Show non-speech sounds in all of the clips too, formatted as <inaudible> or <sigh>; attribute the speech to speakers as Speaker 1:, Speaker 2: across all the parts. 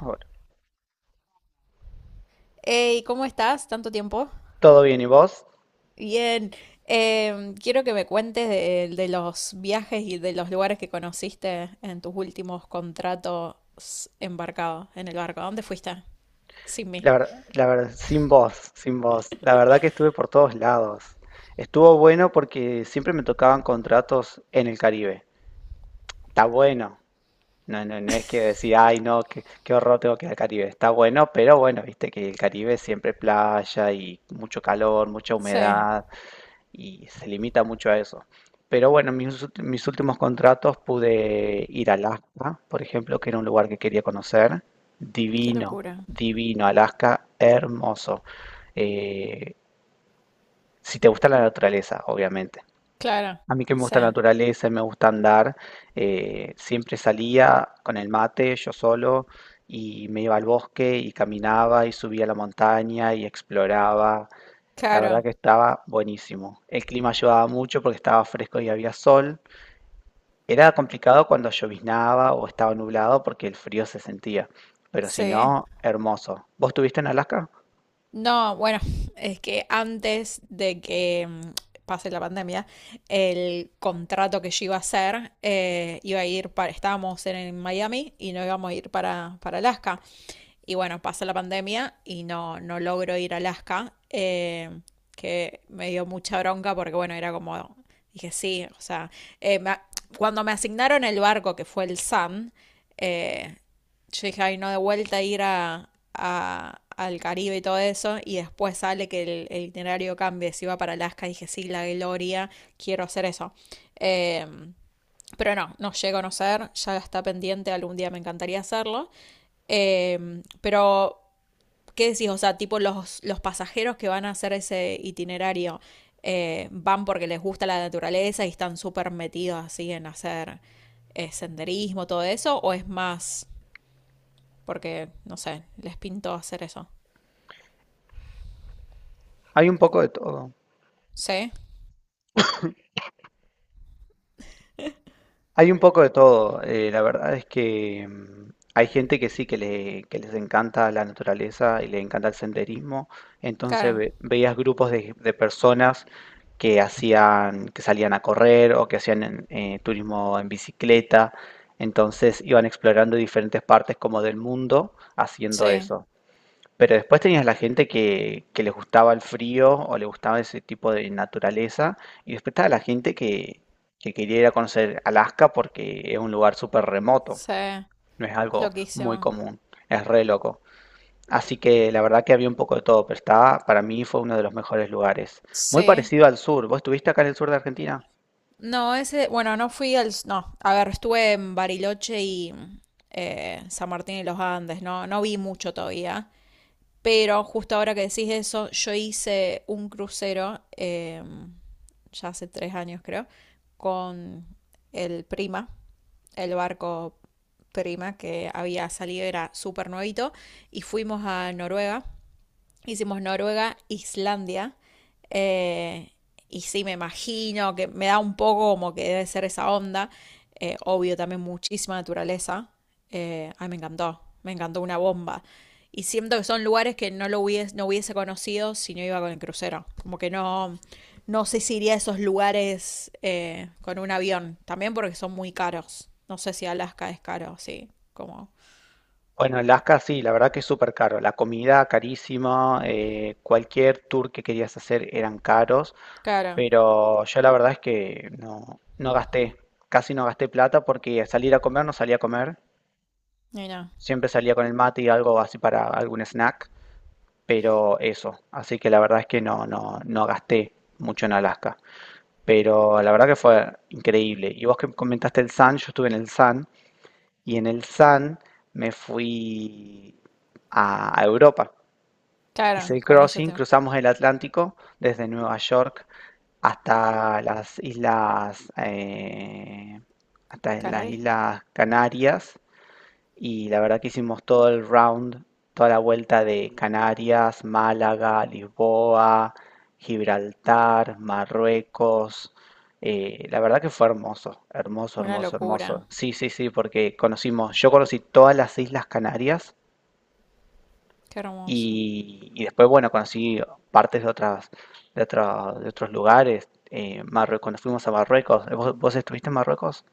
Speaker 1: Bueno,
Speaker 2: Hey, ¿cómo estás? ¿Tanto tiempo?
Speaker 1: todo bien, ¿y vos?
Speaker 2: Bien. Quiero que me cuentes de los viajes y de los lugares que conociste en tus últimos contratos embarcados en el barco. ¿A dónde fuiste? Sin mí.
Speaker 1: La verdad, sin vos, sin vos. La verdad que estuve por todos lados. Estuvo bueno porque siempre me tocaban contratos en el Caribe. Está bueno. No, no, no es que decir
Speaker 2: <laughs>
Speaker 1: ay, no, qué, qué horror, tengo que ir al Caribe. Está bueno, pero bueno, viste que el Caribe siempre playa y mucho calor, mucha
Speaker 2: Sí,
Speaker 1: humedad. Y se limita mucho a eso. Pero bueno, mis últimos contratos pude ir a Alaska, por ejemplo, que era un lugar que quería conocer.
Speaker 2: qué
Speaker 1: Divino,
Speaker 2: locura.
Speaker 1: divino, Alaska, hermoso. Eh, si te gusta la naturaleza, obviamente.
Speaker 2: Claro,
Speaker 1: A mí que me
Speaker 2: sí,
Speaker 1: gusta la naturaleza y me gusta andar, siempre salía con el mate, yo solo, y me iba al bosque y caminaba y subía a la montaña y exploraba. La verdad
Speaker 2: claro,
Speaker 1: que estaba buenísimo. El clima ayudaba mucho porque estaba fresco y había sol. Era complicado cuando lloviznaba o estaba nublado porque el frío se sentía, pero si
Speaker 2: sí.
Speaker 1: no, hermoso. ¿Vos estuviste en Alaska?
Speaker 2: No, bueno, <laughs> es que antes de que pase la pandemia, el contrato que yo iba a hacer iba a ir para, estábamos en Miami y no íbamos a ir para Alaska. Y bueno, pasa la pandemia y no, no logro ir a Alaska, que me dio mucha bronca porque, bueno, era como, dije, sí, o sea, eh, me- cuando me asignaron el barco, que fue el Sun, eh, yo dije, ay, no, de vuelta ir a, al Caribe y todo eso, y después sale que el itinerario cambie, si iba para Alaska, dije, sí, la gloria, quiero hacer eso. Eh, pero no, no llego a conocer, ya está pendiente, algún día me encantaría hacerlo. Pero, ¿qué decís? O sea, tipo los pasajeros que van a hacer ese itinerario van porque les gusta la naturaleza y están súper metidos así en hacer senderismo, todo eso, o es más porque, no sé, les pintó hacer eso.
Speaker 1: Hay un poco de todo.
Speaker 2: Sí,
Speaker 1: Hay un poco de todo. La verdad es que hay gente que sí, que le, que les encanta la naturaleza y le encanta el senderismo. Entonces
Speaker 2: claro,
Speaker 1: veías grupos de personas que hacían, que salían a correr o que hacían turismo en bicicleta. Entonces iban explorando diferentes partes como del mundo haciendo
Speaker 2: sí,
Speaker 1: eso. Pero después tenías la gente que les gustaba el frío o le gustaba ese tipo de naturaleza. Y después estaba la gente que quería ir a conocer Alaska porque es un lugar súper remoto.
Speaker 2: sí,
Speaker 1: No es algo muy
Speaker 2: loquísimo.
Speaker 1: común. Es re loco. Así que la verdad que había un poco de todo, pero estaba, para mí fue uno de los mejores lugares. Muy
Speaker 2: Sí.
Speaker 1: parecido al sur. ¿Vos estuviste acá en el sur de Argentina?
Speaker 2: No, ese, bueno, no fui al, no, a ver, estuve en Bariloche y San Martín y los Andes, no, no vi mucho todavía. Pero justo ahora que decís eso, yo hice un crucero, ya hace 3 años creo, con el Prima, el barco Prima que había salido, era súper nuevito, y fuimos a Noruega. Hicimos Noruega, Islandia. eh, y sí, me imagino que me da un poco como que debe ser esa onda. Obvio, también muchísima naturaleza. Ay, me encantó. Me encantó una bomba. Y siento que son lugares que no lo hubiese, no hubiese conocido si no iba con el crucero. Como que no, no sé si iría a esos lugares con un avión. También porque son muy caros. No sé si Alaska es caro, sí. Como.
Speaker 1: Bueno, Alaska sí, la verdad que es súper caro. La comida carísima, cualquier tour que querías hacer eran caros.
Speaker 2: Claro.
Speaker 1: Pero yo la verdad es que no, no gasté, casi no gasté plata porque salir a comer no salía a comer.
Speaker 2: Mira.
Speaker 1: Siempre salía con el mate y algo así para algún snack, pero eso. Así que la verdad es que no, no, no gasté mucho en Alaska. Pero la verdad que fue increíble. Y vos que comentaste el Sun, yo estuve en el Sun y en el Sun me fui a Europa. Hice
Speaker 2: Claro,
Speaker 1: el
Speaker 2: con ellos
Speaker 1: crossing,
Speaker 2: tengo.
Speaker 1: cruzamos el Atlántico desde Nueva York hasta las islas, eh, hasta las
Speaker 2: ¿Canarias?
Speaker 1: islas Canarias, y la verdad que hicimos todo el round, toda la vuelta de Canarias, Málaga, Lisboa, Gibraltar, Marruecos. La verdad que fue hermoso, hermoso,
Speaker 2: Una
Speaker 1: hermoso, hermoso.
Speaker 2: locura,
Speaker 1: Sí, sí, sí, porque conocimos, yo conocí todas las islas Canarias
Speaker 2: qué hermoso.
Speaker 1: y después, bueno, conocí partes de otras, de otros lugares. Marruecos, cuando fuimos a Marruecos, ¿vos estuviste en Marruecos?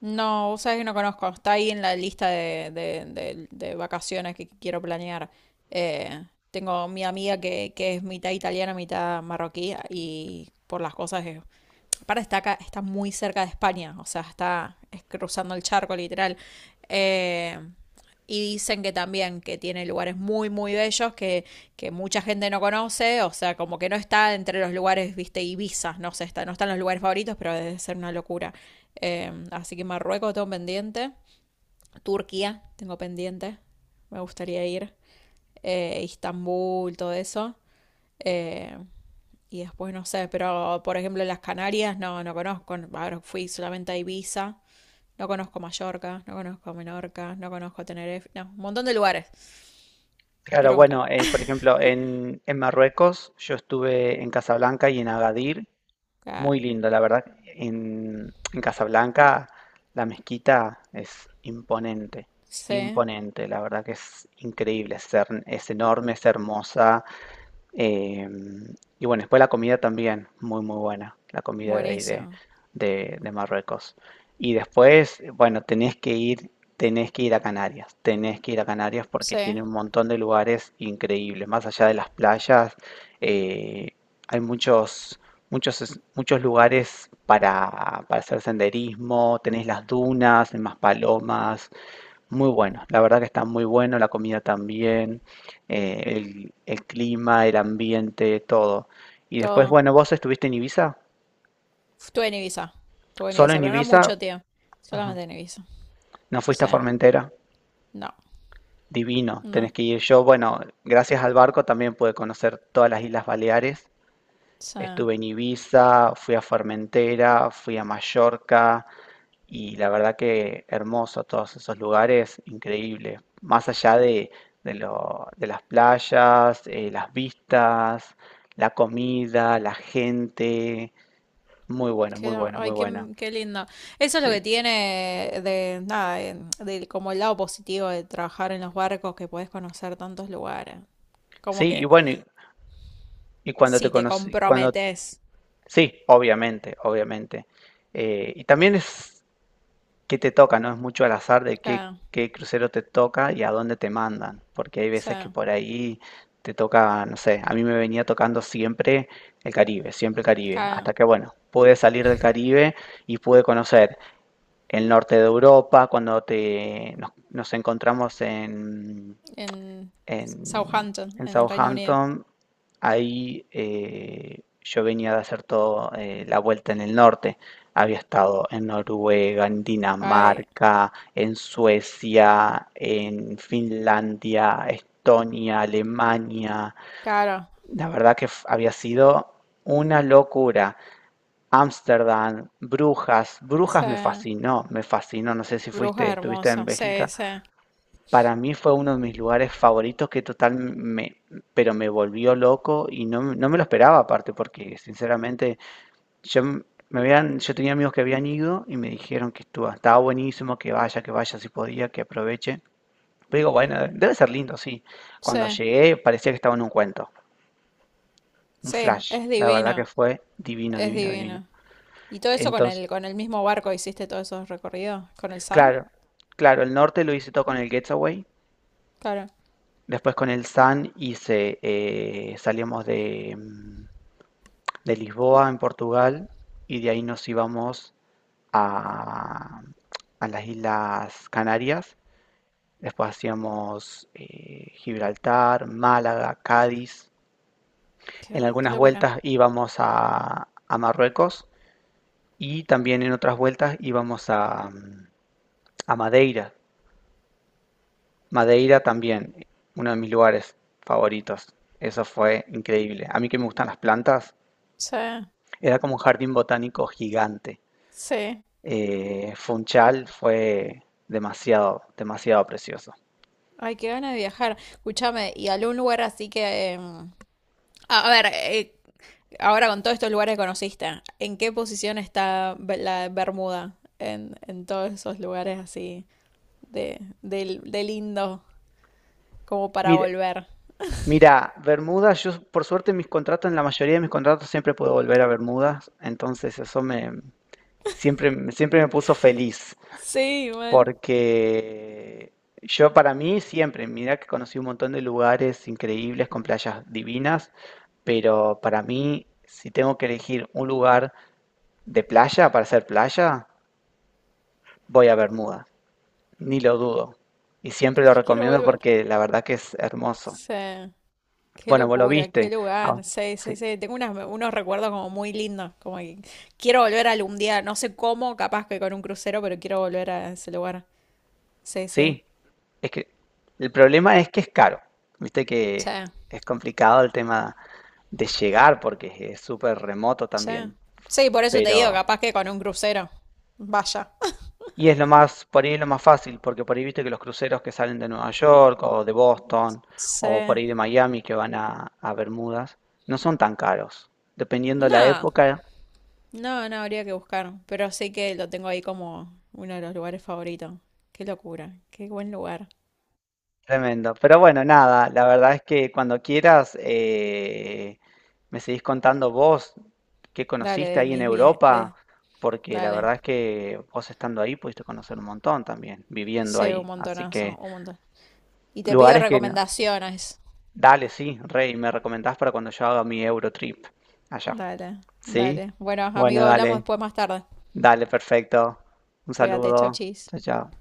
Speaker 2: No, vos sabés que no conozco, está ahí en la lista de, de vacaciones que quiero planear. Eh, Tengo mi amiga que es mitad italiana, mitad marroquí y por las cosas es. Para está acá, está muy cerca de España, o sea, está cruzando el charco literal. Eh, y dicen que también que tiene lugares muy, muy bellos que mucha gente no conoce, o sea, como que no está entre los lugares, viste, Ibiza, no sé, está, no están los lugares favoritos, pero debe ser una locura. Así que Marruecos tengo pendiente, Turquía tengo pendiente, me gustaría ir, Istambul, todo eso. Eh, y después no sé, pero por ejemplo las Canarias no, no conozco. Ahora fui solamente a Ibiza. No conozco Mallorca, no conozco Menorca, no conozco Tenerife. No, un montón de lugares.
Speaker 1: Claro,
Speaker 2: Bronca.
Speaker 1: bueno, por ejemplo, en Marruecos yo estuve en Casablanca y en Agadir,
Speaker 2: Ah,
Speaker 1: muy lindo, la verdad. En Casablanca la mezquita es imponente,
Speaker 2: sí,
Speaker 1: imponente, la verdad que es increíble, es, es enorme, es hermosa. Eh, y bueno, después la comida también, muy muy buena, la comida de ahí de,
Speaker 2: buenísimo.
Speaker 1: de Marruecos. Y después, bueno, tenés que ir a Canarias, tenés que ir a Canarias porque tiene
Speaker 2: Sí,
Speaker 1: un montón de lugares increíbles. Más allá de las playas, eh, hay muchos, muchos, muchos lugares para hacer senderismo, tenés las dunas, en Maspalomas, muy bueno, la verdad que está muy bueno, la comida también, el clima, el ambiente, todo. Y después,
Speaker 2: todo.
Speaker 1: bueno, vos estuviste en Ibiza,
Speaker 2: Estuve en Ibiza. Estuve en
Speaker 1: solo
Speaker 2: Ibiza,
Speaker 1: en
Speaker 2: pero no mucho,
Speaker 1: Ibiza.
Speaker 2: tío.
Speaker 1: Ajá.
Speaker 2: Solamente en Ibiza.
Speaker 1: No fuiste
Speaker 2: Sí,
Speaker 1: a Formentera,
Speaker 2: no,
Speaker 1: divino,
Speaker 2: no.
Speaker 1: tenés que ir. Yo, bueno, gracias al barco también pude conocer todas las Islas Baleares,
Speaker 2: Sí.
Speaker 1: estuve en Ibiza, fui a Formentera, fui a Mallorca. Y la verdad que hermoso todos esos lugares, increíble. Más allá de, de las playas, las vistas, la comida, la gente. Muy bueno, muy
Speaker 2: Qué,
Speaker 1: bueno,
Speaker 2: ay,
Speaker 1: muy
Speaker 2: qué,
Speaker 1: bueno.
Speaker 2: qué lindo. Eso es lo
Speaker 1: Sí.
Speaker 2: que tiene de nada, como el lado positivo de trabajar en los barcos, que podés conocer tantos lugares. Como
Speaker 1: Sí, y
Speaker 2: que
Speaker 1: bueno, y cuando te
Speaker 2: si te
Speaker 1: conocí, cuando...
Speaker 2: comprometes.
Speaker 1: Sí, obviamente, obviamente. Y también es qué te toca, no es mucho al azar de qué,
Speaker 2: Claro,
Speaker 1: qué crucero te toca y a dónde te mandan, porque hay
Speaker 2: sí,
Speaker 1: veces que por ahí te toca, no sé, a mí me venía tocando siempre el Caribe, hasta
Speaker 2: claro.
Speaker 1: que bueno, pude salir del Caribe y pude conocer el norte de Europa, cuando nos encontramos
Speaker 2: En
Speaker 1: en,
Speaker 2: Southampton,
Speaker 1: en
Speaker 2: en el Reino Unido.
Speaker 1: Southampton, ahí yo venía de hacer toda la vuelta en el norte. Había estado en Noruega, en
Speaker 2: Ay,
Speaker 1: Dinamarca, en Suecia, en Finlandia, Estonia, Alemania.
Speaker 2: claro,
Speaker 1: La verdad que había sido una locura. Ámsterdam, Brujas. Brujas me
Speaker 2: sí.
Speaker 1: fascinó, me fascinó. No sé si
Speaker 2: Bruja
Speaker 1: fuiste, estuviste en
Speaker 2: hermosa, sí,
Speaker 1: Bélgica.
Speaker 2: sí,
Speaker 1: Para mí fue uno de mis lugares favoritos que total me, pero me volvió loco y no, no me lo esperaba aparte porque sinceramente yo m- me habían, yo tenía amigos que habían ido y me dijeron que estuvo, estaba buenísimo, que vaya si podía, que aproveche. Pero digo, bueno, debe ser lindo, sí.
Speaker 2: sí,
Speaker 1: Cuando llegué parecía que estaba en un cuento, un
Speaker 2: sí,
Speaker 1: flash.
Speaker 2: es
Speaker 1: La verdad que
Speaker 2: divino,
Speaker 1: fue divino,
Speaker 2: es
Speaker 1: divino, divino.
Speaker 2: divino. ¿Y todo eso
Speaker 1: Entonces,
Speaker 2: con el mismo barco hiciste todos esos recorridos? ¿Con el Sun?
Speaker 1: claro, claro, el norte lo hice todo con el Getaway.
Speaker 2: Claro.
Speaker 1: Después con el Sun hice, salíamos de, de Lisboa en Portugal y de ahí nos íbamos a, a las Islas Canarias. Después hacíamos Gibraltar, Málaga, Cádiz.
Speaker 2: Qué,
Speaker 1: En
Speaker 2: qué
Speaker 1: algunas
Speaker 2: locura.
Speaker 1: vueltas íbamos a Marruecos y también en otras vueltas íbamos a Madeira. Madeira también, uno de mis lugares favoritos. Eso fue increíble. A mí que me gustan las plantas,
Speaker 2: Sí,
Speaker 1: era como un jardín botánico gigante.
Speaker 2: sí.
Speaker 1: Funchal fue demasiado, demasiado precioso.
Speaker 2: Ay, qué ganas de viajar. Escúchame, ¿y algún lugar así que... a ver, ahora con todos estos lugares que conociste, ¿en qué posición está la Bermuda en todos esos lugares así de, de lindo como para
Speaker 1: Mira,
Speaker 2: volver?
Speaker 1: mira, Bermuda, yo por suerte mis contratos, en la mayoría de mis contratos siempre puedo volver a Bermudas, entonces eso me siempre, siempre me puso feliz,
Speaker 2: Sí, mal,
Speaker 1: porque yo para mí siempre, mira que conocí un montón de lugares increíbles con playas divinas, pero para mí, si tengo que elegir un lugar de playa para hacer playa, voy a Bermudas. Ni lo dudo. Y siempre lo
Speaker 2: quiero
Speaker 1: recomiendo
Speaker 2: volver.
Speaker 1: porque la verdad que es hermoso.
Speaker 2: Sí, qué
Speaker 1: Bueno, vos lo
Speaker 2: locura, qué
Speaker 1: viste. Ah,
Speaker 2: lugar. Sí,
Speaker 1: sí,
Speaker 2: sí, sí, tengo unos recuerdos como muy lindos, como que quiero volver algún día, no sé cómo, capaz que con un crucero, pero quiero volver a ese lugar. Sí, sí,
Speaker 1: sí. Es que el problema es que es caro. Viste
Speaker 2: sí,
Speaker 1: que es complicado el tema de llegar porque es súper remoto
Speaker 2: sí.
Speaker 1: también.
Speaker 2: Sí, por eso te digo,
Speaker 1: Pero,
Speaker 2: capaz que con un crucero. Vaya.
Speaker 1: y es lo más, por ahí es lo más fácil, porque por ahí viste que los cruceros que salen de Nueva York o de Boston
Speaker 2: <laughs>
Speaker 1: o por
Speaker 2: Sí.
Speaker 1: ahí de Miami que van a Bermudas no son tan caros. Dependiendo la
Speaker 2: No,
Speaker 1: época,
Speaker 2: no, no habría que buscar, pero sí que lo tengo ahí como uno de los lugares favoritos. Qué locura, qué buen lugar.
Speaker 1: tremendo. Pero bueno, nada, la verdad es que cuando quieras, me seguís contando vos qué
Speaker 2: Dale,
Speaker 1: conociste
Speaker 2: de
Speaker 1: ahí en
Speaker 2: mis
Speaker 1: Europa,
Speaker 2: viajes,
Speaker 1: porque la
Speaker 2: dale,
Speaker 1: verdad es que vos estando ahí pudiste conocer un montón también, viviendo
Speaker 2: sí, un
Speaker 1: ahí. Así
Speaker 2: montonazo,
Speaker 1: que
Speaker 2: un montón. Y te pido
Speaker 1: lugares que... no.
Speaker 2: recomendaciones.
Speaker 1: Dale, sí, Rey, me recomendás para cuando yo haga mi Eurotrip allá.
Speaker 2: Dale,
Speaker 1: ¿Sí?
Speaker 2: dale. Bueno,
Speaker 1: Bueno,
Speaker 2: amigo, hablamos
Speaker 1: dale,
Speaker 2: después más tarde.
Speaker 1: dale, perfecto. Un
Speaker 2: Cuídate, chau,
Speaker 1: saludo.
Speaker 2: chis.
Speaker 1: Chao, chao.